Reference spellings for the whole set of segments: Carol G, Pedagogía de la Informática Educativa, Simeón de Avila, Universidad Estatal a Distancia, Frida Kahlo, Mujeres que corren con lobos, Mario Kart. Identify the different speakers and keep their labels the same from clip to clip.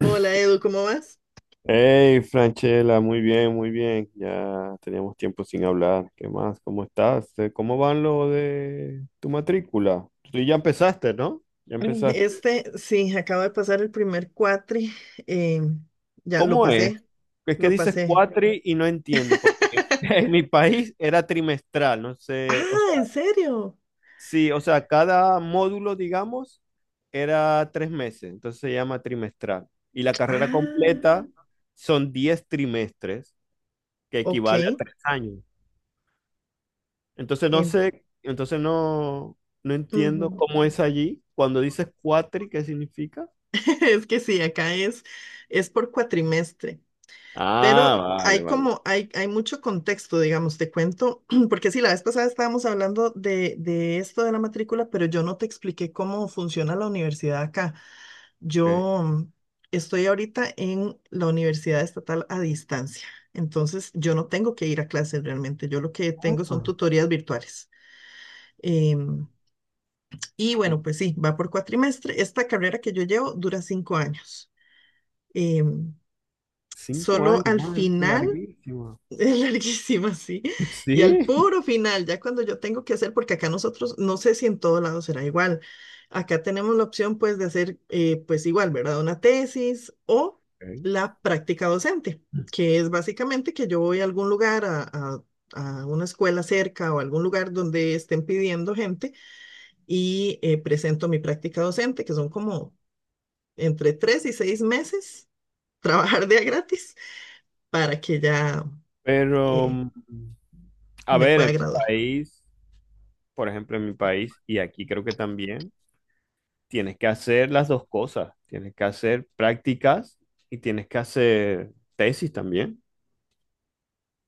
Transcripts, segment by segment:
Speaker 1: Hola Edu, ¿cómo vas?
Speaker 2: Hey, Franchela, muy bien, muy bien. Ya teníamos tiempo sin hablar. ¿Qué más? ¿Cómo estás? ¿Cómo van lo de tu matrícula? Tú ya empezaste, ¿no? Ya empezaste.
Speaker 1: Sí, acabo de pasar el primer cuatri. eh, ya lo
Speaker 2: ¿Cómo es?
Speaker 1: pasé,
Speaker 2: Es que
Speaker 1: lo
Speaker 2: dices
Speaker 1: pasé.
Speaker 2: cuatri y no entiendo, porque en mi país era trimestral, no sé, o
Speaker 1: Ah,
Speaker 2: sea,
Speaker 1: ¿en serio?
Speaker 2: sí, o sea, cada módulo, digamos, era tres meses, entonces se llama trimestral. Y la carrera
Speaker 1: Ah,
Speaker 2: completa son diez trimestres, que
Speaker 1: ok.
Speaker 2: equivale a tres años. Entonces no
Speaker 1: en-
Speaker 2: sé, entonces no, no entiendo
Speaker 1: ujú.
Speaker 2: cómo es allí. Cuando dices cuatri, ¿qué significa?
Speaker 1: Es que sí, es por cuatrimestre,
Speaker 2: Ah,
Speaker 1: pero
Speaker 2: vale, vale.
Speaker 1: hay mucho contexto, digamos, te cuento, porque sí, la vez pasada estábamos hablando de esto de la matrícula, pero yo no te expliqué cómo funciona la universidad acá.
Speaker 2: Ok.
Speaker 1: Yo mm, estoy ahorita en la Universidad Estatal a Distancia, entonces yo no tengo que ir a clases realmente, yo lo que
Speaker 2: Ah,
Speaker 1: tengo son tutorías virtuales. Em, y bueno,
Speaker 2: cu-
Speaker 1: pues sí, va por cuatrimestre. Esta carrera que yo llevo dura 5 años. Em,
Speaker 2: cinco
Speaker 1: solo
Speaker 2: años,
Speaker 1: al
Speaker 2: man,
Speaker 1: final
Speaker 2: larguísimo.
Speaker 1: Es larguísima, sí. Y al
Speaker 2: Sí.
Speaker 1: puro final, ya cuando yo tengo que hacer, porque acá nosotros, no sé si en todo lado será igual, acá tenemos la opción pues de hacer pues igual, ¿verdad? Una tesis o
Speaker 2: Ok.
Speaker 1: la práctica docente, que es básicamente que yo voy a algún lugar, a una escuela cerca o algún lugar donde estén pidiendo gente y presento mi práctica docente, que son como entre 3 y 6 meses, trabajar de a gratis para que ya
Speaker 2: Pero,
Speaker 1: eh,
Speaker 2: mm, a
Speaker 1: me
Speaker 2: ver,
Speaker 1: pueda graduar.
Speaker 2: en mi país, y aquí creo que también, tienes que hacer las dos cosas. Tienes que hacer prácticas y tienes que hacer tesis también.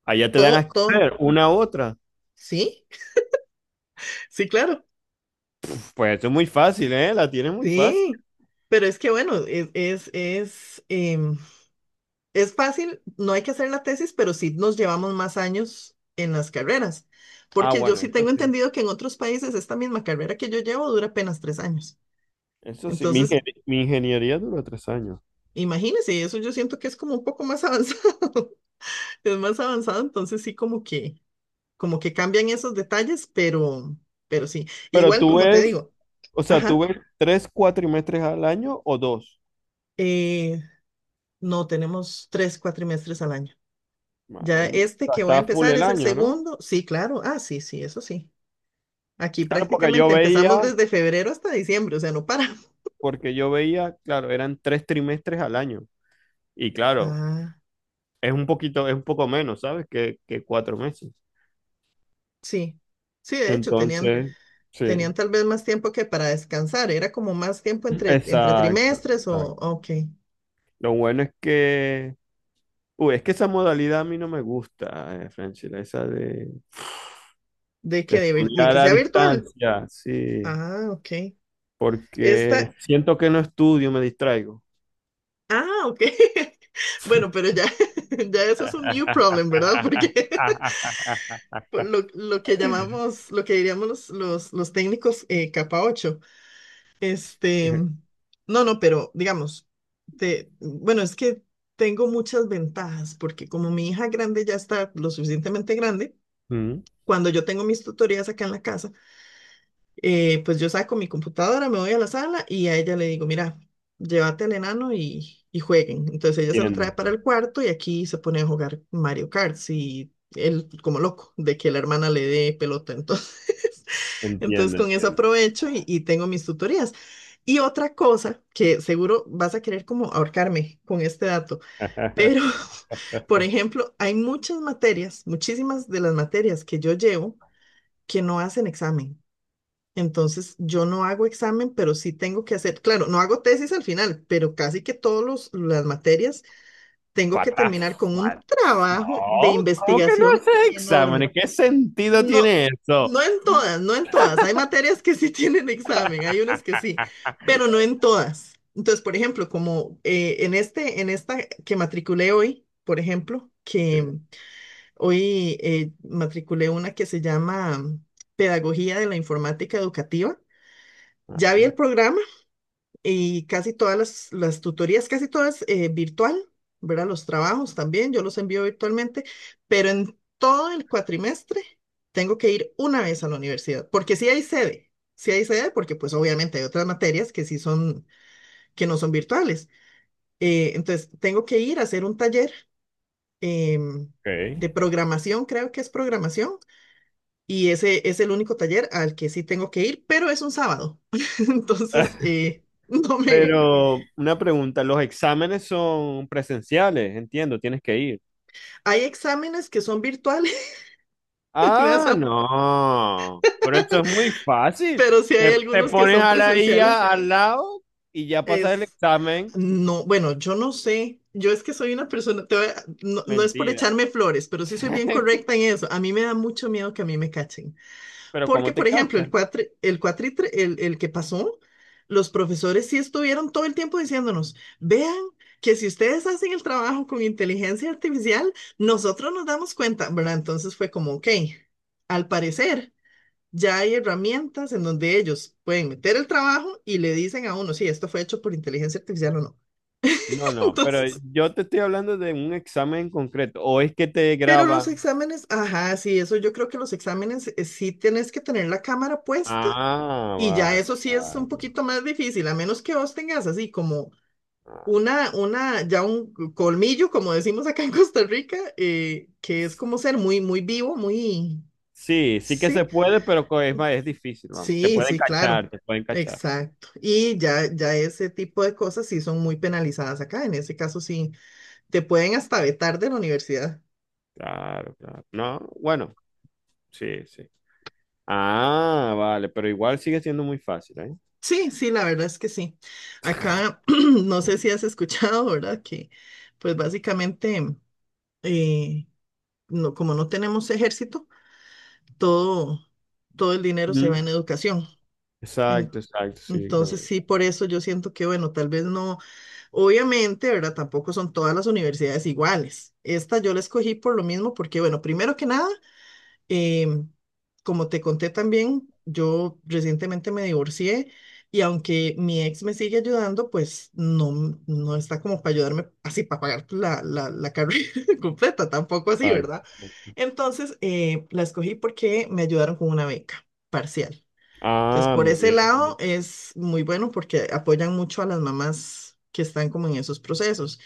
Speaker 2: Allá te dan a
Speaker 1: Todo, todo.
Speaker 2: escoger una u otra.
Speaker 1: Sí, sí, claro.
Speaker 2: Pues esto es muy fácil, ¿eh? La tienes muy fácil.
Speaker 1: Sí. Pero es que bueno, es fácil, no hay que hacer la tesis, pero sí nos llevamos más años en las carreras.
Speaker 2: Ah,
Speaker 1: Porque yo
Speaker 2: bueno,
Speaker 1: sí
Speaker 2: eso
Speaker 1: tengo
Speaker 2: sí.
Speaker 1: entendido que en otros países esta misma carrera que yo llevo dura apenas 3 años.
Speaker 2: Eso sí,
Speaker 1: Entonces,
Speaker 2: mi ingeniería duró tres años.
Speaker 1: imagínense, eso yo siento que es como un poco más avanzado. Es más avanzado, entonces como que cambian esos detalles, pero sí.
Speaker 2: Pero
Speaker 1: Igual
Speaker 2: tú
Speaker 1: como te
Speaker 2: ves,
Speaker 1: digo,
Speaker 2: o sea, tú
Speaker 1: ajá.
Speaker 2: ves tres cuatrimestres al año o dos.
Speaker 1: Eh, No, tenemos 3 cuatrimestres al año. Ya
Speaker 2: Madre mía. O
Speaker 1: este
Speaker 2: sea,
Speaker 1: que voy a
Speaker 2: está full
Speaker 1: empezar
Speaker 2: el
Speaker 1: es el
Speaker 2: año, ¿no?
Speaker 1: segundo. Sí, claro. Ah, sí, sí, eso sí. Aquí
Speaker 2: Claro,
Speaker 1: prácticamente empezamos desde febrero hasta diciembre, o sea, no paramos.
Speaker 2: porque yo veía, claro, eran tres trimestres al año. Y claro,
Speaker 1: Ah,
Speaker 2: es un poco menos, ¿sabes? Que cuatro meses.
Speaker 1: sí. Sí,
Speaker 2: Entonces, sí.
Speaker 1: tenían tal vez más tiempo que para descansar. Era como más tiempo entre
Speaker 2: Exacto,
Speaker 1: trimestres o,
Speaker 2: exacto.
Speaker 1: ok.
Speaker 2: Lo bueno es que uy, es que esa modalidad a mí no me gusta, Franchella, esa de
Speaker 1: De
Speaker 2: estudiar
Speaker 1: que
Speaker 2: a
Speaker 1: sea virtual.
Speaker 2: distancia, sí,
Speaker 1: Ah, ok. Esta,
Speaker 2: porque siento que no estudio, me distraigo.
Speaker 1: ah, ok. Bueno, pero ya, ya eso es un new problem, ¿verdad? Porque por lo que llamamos, lo que diríamos los técnicos capa 8. Este, no, no, pero digamos, bueno, es que tengo muchas ventajas porque como mi hija grande ya está lo suficientemente grande,
Speaker 2: Mm,
Speaker 1: cuando yo tengo mis tutorías acá en la casa, pues yo saco mi computadora, me voy a la sala y a ella le digo, mira, llévate al enano y jueguen. Entonces ella se lo
Speaker 2: entiendo,
Speaker 1: trae para
Speaker 2: entiendo,
Speaker 1: el cuarto y aquí se pone a jugar Mario Kart y él como loco de que la hermana le dé pelota. Entonces, entonces
Speaker 2: entiendo.
Speaker 1: con eso aprovecho y tengo mis tutorías. Y otra cosa que seguro vas a querer como ahorcarme con este dato, pero por ejemplo, hay muchas materias, muchísimas de las materias que yo llevo que no hacen examen. Entonces, yo no hago examen, pero sí tengo que hacer, claro, no hago tesis al final, pero casi que todas las materias tengo
Speaker 2: What
Speaker 1: que
Speaker 2: the
Speaker 1: terminar con un
Speaker 2: fuck?
Speaker 1: trabajo de
Speaker 2: No, ¿cómo que no
Speaker 1: investigación
Speaker 2: haces exámenes?
Speaker 1: enorme.
Speaker 2: ¿Qué sentido
Speaker 1: No,
Speaker 2: tiene eso?
Speaker 1: no en todas, no en todas. Hay materias que sí tienen examen, hay unas
Speaker 2: ok,
Speaker 1: que sí, pero no en todas. Entonces, por ejemplo, como en esta que matriculé hoy, por ejemplo, que hoy matriculé una que se llama Pedagogía de la Informática Educativa, ya
Speaker 2: madre
Speaker 1: vi el
Speaker 2: mía.
Speaker 1: programa y casi todas las tutorías, casi todas virtual, ¿verdad? Los trabajos también, yo los envío virtualmente, pero en todo el cuatrimestre tengo que ir una vez a la universidad, porque sí hay sede, porque pues obviamente hay otras materias que sí son, que no son virtuales. Entonces, tengo que ir a hacer un taller em,
Speaker 2: Ok.
Speaker 1: de programación, creo que es programación, y ese es el único taller al que sí tengo que ir, pero es un sábado. Entonces, no me,
Speaker 2: Pero una pregunta, los exámenes son presenciales, entiendo, tienes que ir.
Speaker 1: hay exámenes que son virtuales, me da
Speaker 2: Ah,
Speaker 1: sa-
Speaker 2: no, pero eso es muy fácil.
Speaker 1: pero sí hay
Speaker 2: Te
Speaker 1: algunos que
Speaker 2: pones
Speaker 1: son
Speaker 2: a la
Speaker 1: presenciales.
Speaker 2: IA al lado y ya pasas el
Speaker 1: Es,
Speaker 2: examen.
Speaker 1: no, bueno, yo no sé. Yo es que soy una persona, no, no es por
Speaker 2: Mentira.
Speaker 1: echarme flores, pero sí soy bien correcta en eso. A mí me da mucho miedo que a mí me cachen.
Speaker 2: Pero ¿cómo
Speaker 1: Porque,
Speaker 2: te
Speaker 1: por ejemplo, el
Speaker 2: cachan?
Speaker 1: cuatri, el cuatritre, el que pasó, los profesores sí estuvieron todo el tiempo diciéndonos, vean que si ustedes hacen el trabajo con inteligencia artificial, nosotros nos damos cuenta, ¿verdad? Entonces fue como, ok, al parecer ya hay herramientas en donde ellos pueden meter el trabajo y le dicen a uno, sí, esto fue hecho por inteligencia artificial o no.
Speaker 2: No, no, pero
Speaker 1: Entonces,
Speaker 2: yo te estoy hablando de un examen en concreto. ¿O es que te
Speaker 1: pero los
Speaker 2: graban?
Speaker 1: exámenes, ajá, sí, eso yo creo que los exámenes sí tienes que tener la cámara puesta
Speaker 2: Ah,
Speaker 1: y ya eso
Speaker 2: vale,
Speaker 1: sí es un
Speaker 2: vale,
Speaker 1: poquito más difícil, a menos que vos tengas así como
Speaker 2: vale.
Speaker 1: una ya un colmillo, como decimos acá en Costa Rica, que es como ser muy vivo, muy,
Speaker 2: Sí, sí que se
Speaker 1: sí.
Speaker 2: puede, pero es más, es difícil, vamos. Te
Speaker 1: Sí,
Speaker 2: pueden
Speaker 1: sí, claro.
Speaker 2: cachar, te pueden cachar.
Speaker 1: Exacto. Y ya, ya ese tipo de cosas sí son muy penalizadas acá. En ese caso sí, te pueden hasta vetar de la universidad.
Speaker 2: Claro, claro. No, bueno, sí, sí. Ah, vale, pero igual sigue siendo muy fácil, ¿eh?
Speaker 1: Sí, sí, la verdad es que sí. Acá, no sé si has escuchado, ¿verdad? Que pues básicamente, eh, no, como no tenemos ejército, todo, todo el dinero se va
Speaker 2: Ujú.
Speaker 1: en educación.
Speaker 2: Exacto, exacto, sí, lo
Speaker 1: Entonces,
Speaker 2: veo.
Speaker 1: sí, por eso yo siento que, bueno, tal vez no, obviamente, ¿verdad? Tampoco son todas las universidades iguales. Esta yo la escogí por lo mismo, porque, bueno, primero que nada, em, como te conté también, yo recientemente me divorcié y aunque mi ex me sigue ayudando, pues no, no está como para ayudarme así, para pagar la carrera completa, tampoco así, ¿verdad?
Speaker 2: Exacto.
Speaker 1: Entonces, la escogí porque me ayudaron con una beca parcial. Entonces,
Speaker 2: Ah,
Speaker 1: por
Speaker 2: muy
Speaker 1: ese
Speaker 2: bien.
Speaker 1: lado es muy bueno porque apoyan mucho a las mamás que están como en esos procesos.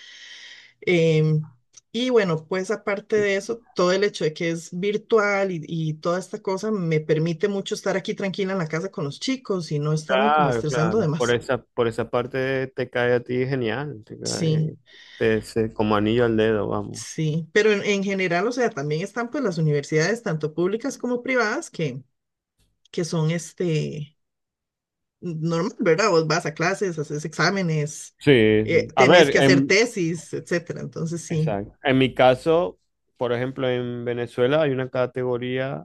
Speaker 1: Em, y bueno, pues aparte
Speaker 2: Y
Speaker 1: de eso, todo el hecho de que es virtual y toda esta cosa me permite mucho estar aquí tranquila en la casa con los chicos y no estarme como
Speaker 2: claro,
Speaker 1: estresando de
Speaker 2: claro.
Speaker 1: más.
Speaker 2: Por esa parte te cae a ti genial. Te
Speaker 1: Sí,
Speaker 2: cae, te- se- como anillo al dedo, vamos.
Speaker 1: sí, pero en general, o sea, también están pues las universidades, tanto públicas como privadas, que son este normal, ¿verdad? Vos vas a clases, haces exámenes,
Speaker 2: Sí, sí. A
Speaker 1: tenés
Speaker 2: ver,
Speaker 1: que hacer tesis, etcétera. Entonces, sí,
Speaker 2: exacto. En mi caso, por ejemplo, en Venezuela hay una categoría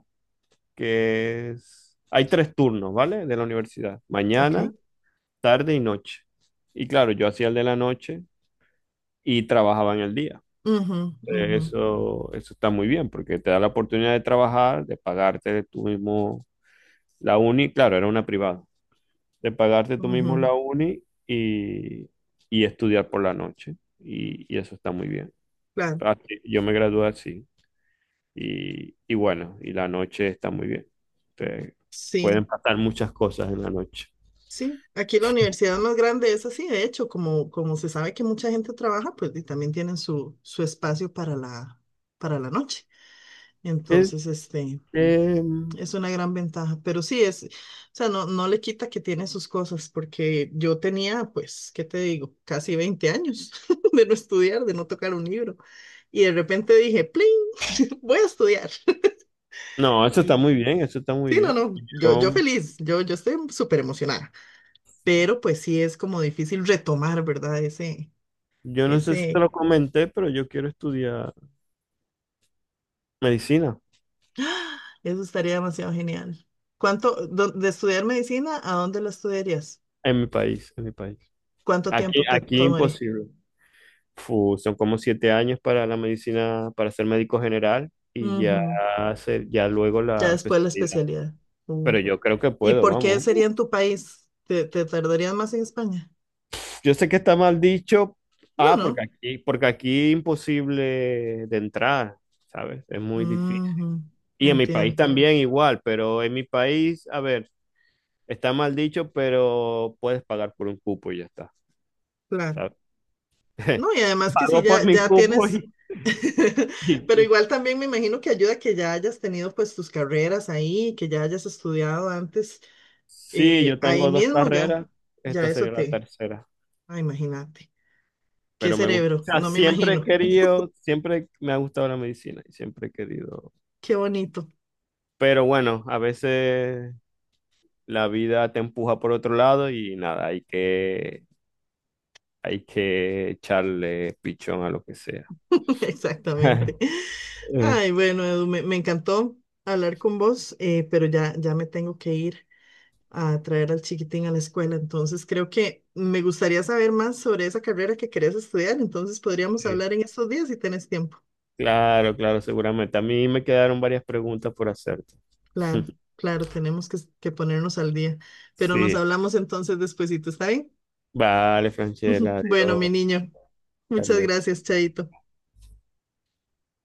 Speaker 2: que es... Hay tres turnos, ¿vale? De la universidad.
Speaker 1: ok.
Speaker 2: Mañana, tarde y noche. Y claro, yo hacía el de la noche y trabajaba en el día.
Speaker 1: Ujú, ujú,
Speaker 2: Eso está muy bien porque te da la oportunidad de trabajar, de pagarte tú mismo la uni, claro, era una privada, de pagarte tú mismo
Speaker 1: ujú,
Speaker 2: la uni y estudiar por la noche. Y eso está muy bien.
Speaker 1: claro,
Speaker 2: Así, yo me gradué así y bueno, y la noche está muy bien. Te- pueden
Speaker 1: sí,
Speaker 2: pasar muchas cosas en la noche.
Speaker 1: sí. Aquí la universidad más grande es así, de hecho, como, como se sabe que mucha gente trabaja, pues y también tienen su espacio para para la noche.
Speaker 2: ¿Qué,
Speaker 1: Entonces,
Speaker 2: qué,
Speaker 1: es una gran ventaja, pero sí es, o sea, no, no le quita que tiene sus cosas, porque yo tenía, pues, ¿qué te digo? Casi 20 años de no estudiar, de no tocar un libro. Y de repente dije, ¡pling! Voy a estudiar.
Speaker 2: No, eso está
Speaker 1: Y
Speaker 2: muy bien, eso está muy
Speaker 1: sí, no,
Speaker 2: bien.
Speaker 1: no, yo
Speaker 2: Yo,
Speaker 1: feliz, yo estoy súper emocionada, pero pues sí es como difícil retomar, ¿verdad?
Speaker 2: yo no sé si te
Speaker 1: Ese,
Speaker 2: lo comenté, pero yo quiero estudiar medicina
Speaker 1: eso estaría demasiado genial. ¿ De estudiar medicina, ¿a dónde la estudiarías?
Speaker 2: en mi país, en mi país.
Speaker 1: ¿Cuánto
Speaker 2: Aquí,
Speaker 1: tiempo te
Speaker 2: aquí
Speaker 1: tomaría?
Speaker 2: imposible. Fu, son como siete años para la medicina, para ser médico general y ya hacer, ya luego
Speaker 1: Ya
Speaker 2: la
Speaker 1: después la
Speaker 2: especialidad.
Speaker 1: especialidad. Mm.
Speaker 2: Pero yo creo que
Speaker 1: ¿Y
Speaker 2: puedo,
Speaker 1: por qué
Speaker 2: vamos.
Speaker 1: sería en tu país? Te tardarías más en España?
Speaker 2: Yo sé que está mal dicho,
Speaker 1: No,
Speaker 2: ah,
Speaker 1: no.
Speaker 2: porque aquí imposible de entrar, ¿sabes? Es muy difícil.
Speaker 1: Ujú,
Speaker 2: Y en mi país
Speaker 1: entiendo.
Speaker 2: también igual, pero en mi país, a ver. Está mal dicho, pero puedes pagar por un cupo y ya está,
Speaker 1: Claro.
Speaker 2: ¿sabes?
Speaker 1: No, y además que si
Speaker 2: Pago por
Speaker 1: ya,
Speaker 2: mi
Speaker 1: ya
Speaker 2: cupo
Speaker 1: tienes,
Speaker 2: y, y-
Speaker 1: pero
Speaker 2: y-
Speaker 1: igual también me imagino que ayuda que ya hayas tenido pues tus carreras ahí, que ya hayas estudiado antes,
Speaker 2: sí, yo
Speaker 1: ahí
Speaker 2: tengo dos
Speaker 1: mismo
Speaker 2: carreras,
Speaker 1: ya, ya
Speaker 2: esta
Speaker 1: eso
Speaker 2: sería la
Speaker 1: te,
Speaker 2: tercera,
Speaker 1: ah, imagínate. Qué
Speaker 2: pero me gusta. O
Speaker 1: cerebro,
Speaker 2: sea,
Speaker 1: no me
Speaker 2: siempre he
Speaker 1: imagino.
Speaker 2: querido, siempre me ha gustado la medicina y siempre he querido.
Speaker 1: Qué bonito.
Speaker 2: Pero bueno, a veces la vida te empuja por otro lado y nada, hay que echarle pichón a lo que sea.
Speaker 1: Exactamente.
Speaker 2: Este,
Speaker 1: Ay, bueno, Edu, me encantó hablar con vos, pero ya, ya me tengo que ir a traer al chiquitín a la escuela. Entonces, creo que me gustaría saber más sobre esa carrera que querés estudiar. Entonces, podríamos hablar en estos días si tenés tiempo.
Speaker 2: claro, claro, seguramente. A mí me quedaron varias preguntas por hacerte.
Speaker 1: Claro, claro, tenemos que ponernos al día. Pero nos
Speaker 2: Sí.
Speaker 1: hablamos entonces despuesito, ¿está bien?
Speaker 2: Vale, Franchella,
Speaker 1: Bueno, mi
Speaker 2: adiós.
Speaker 1: niño,
Speaker 2: Hasta
Speaker 1: muchas
Speaker 2: luego.
Speaker 1: gracias, Chaito.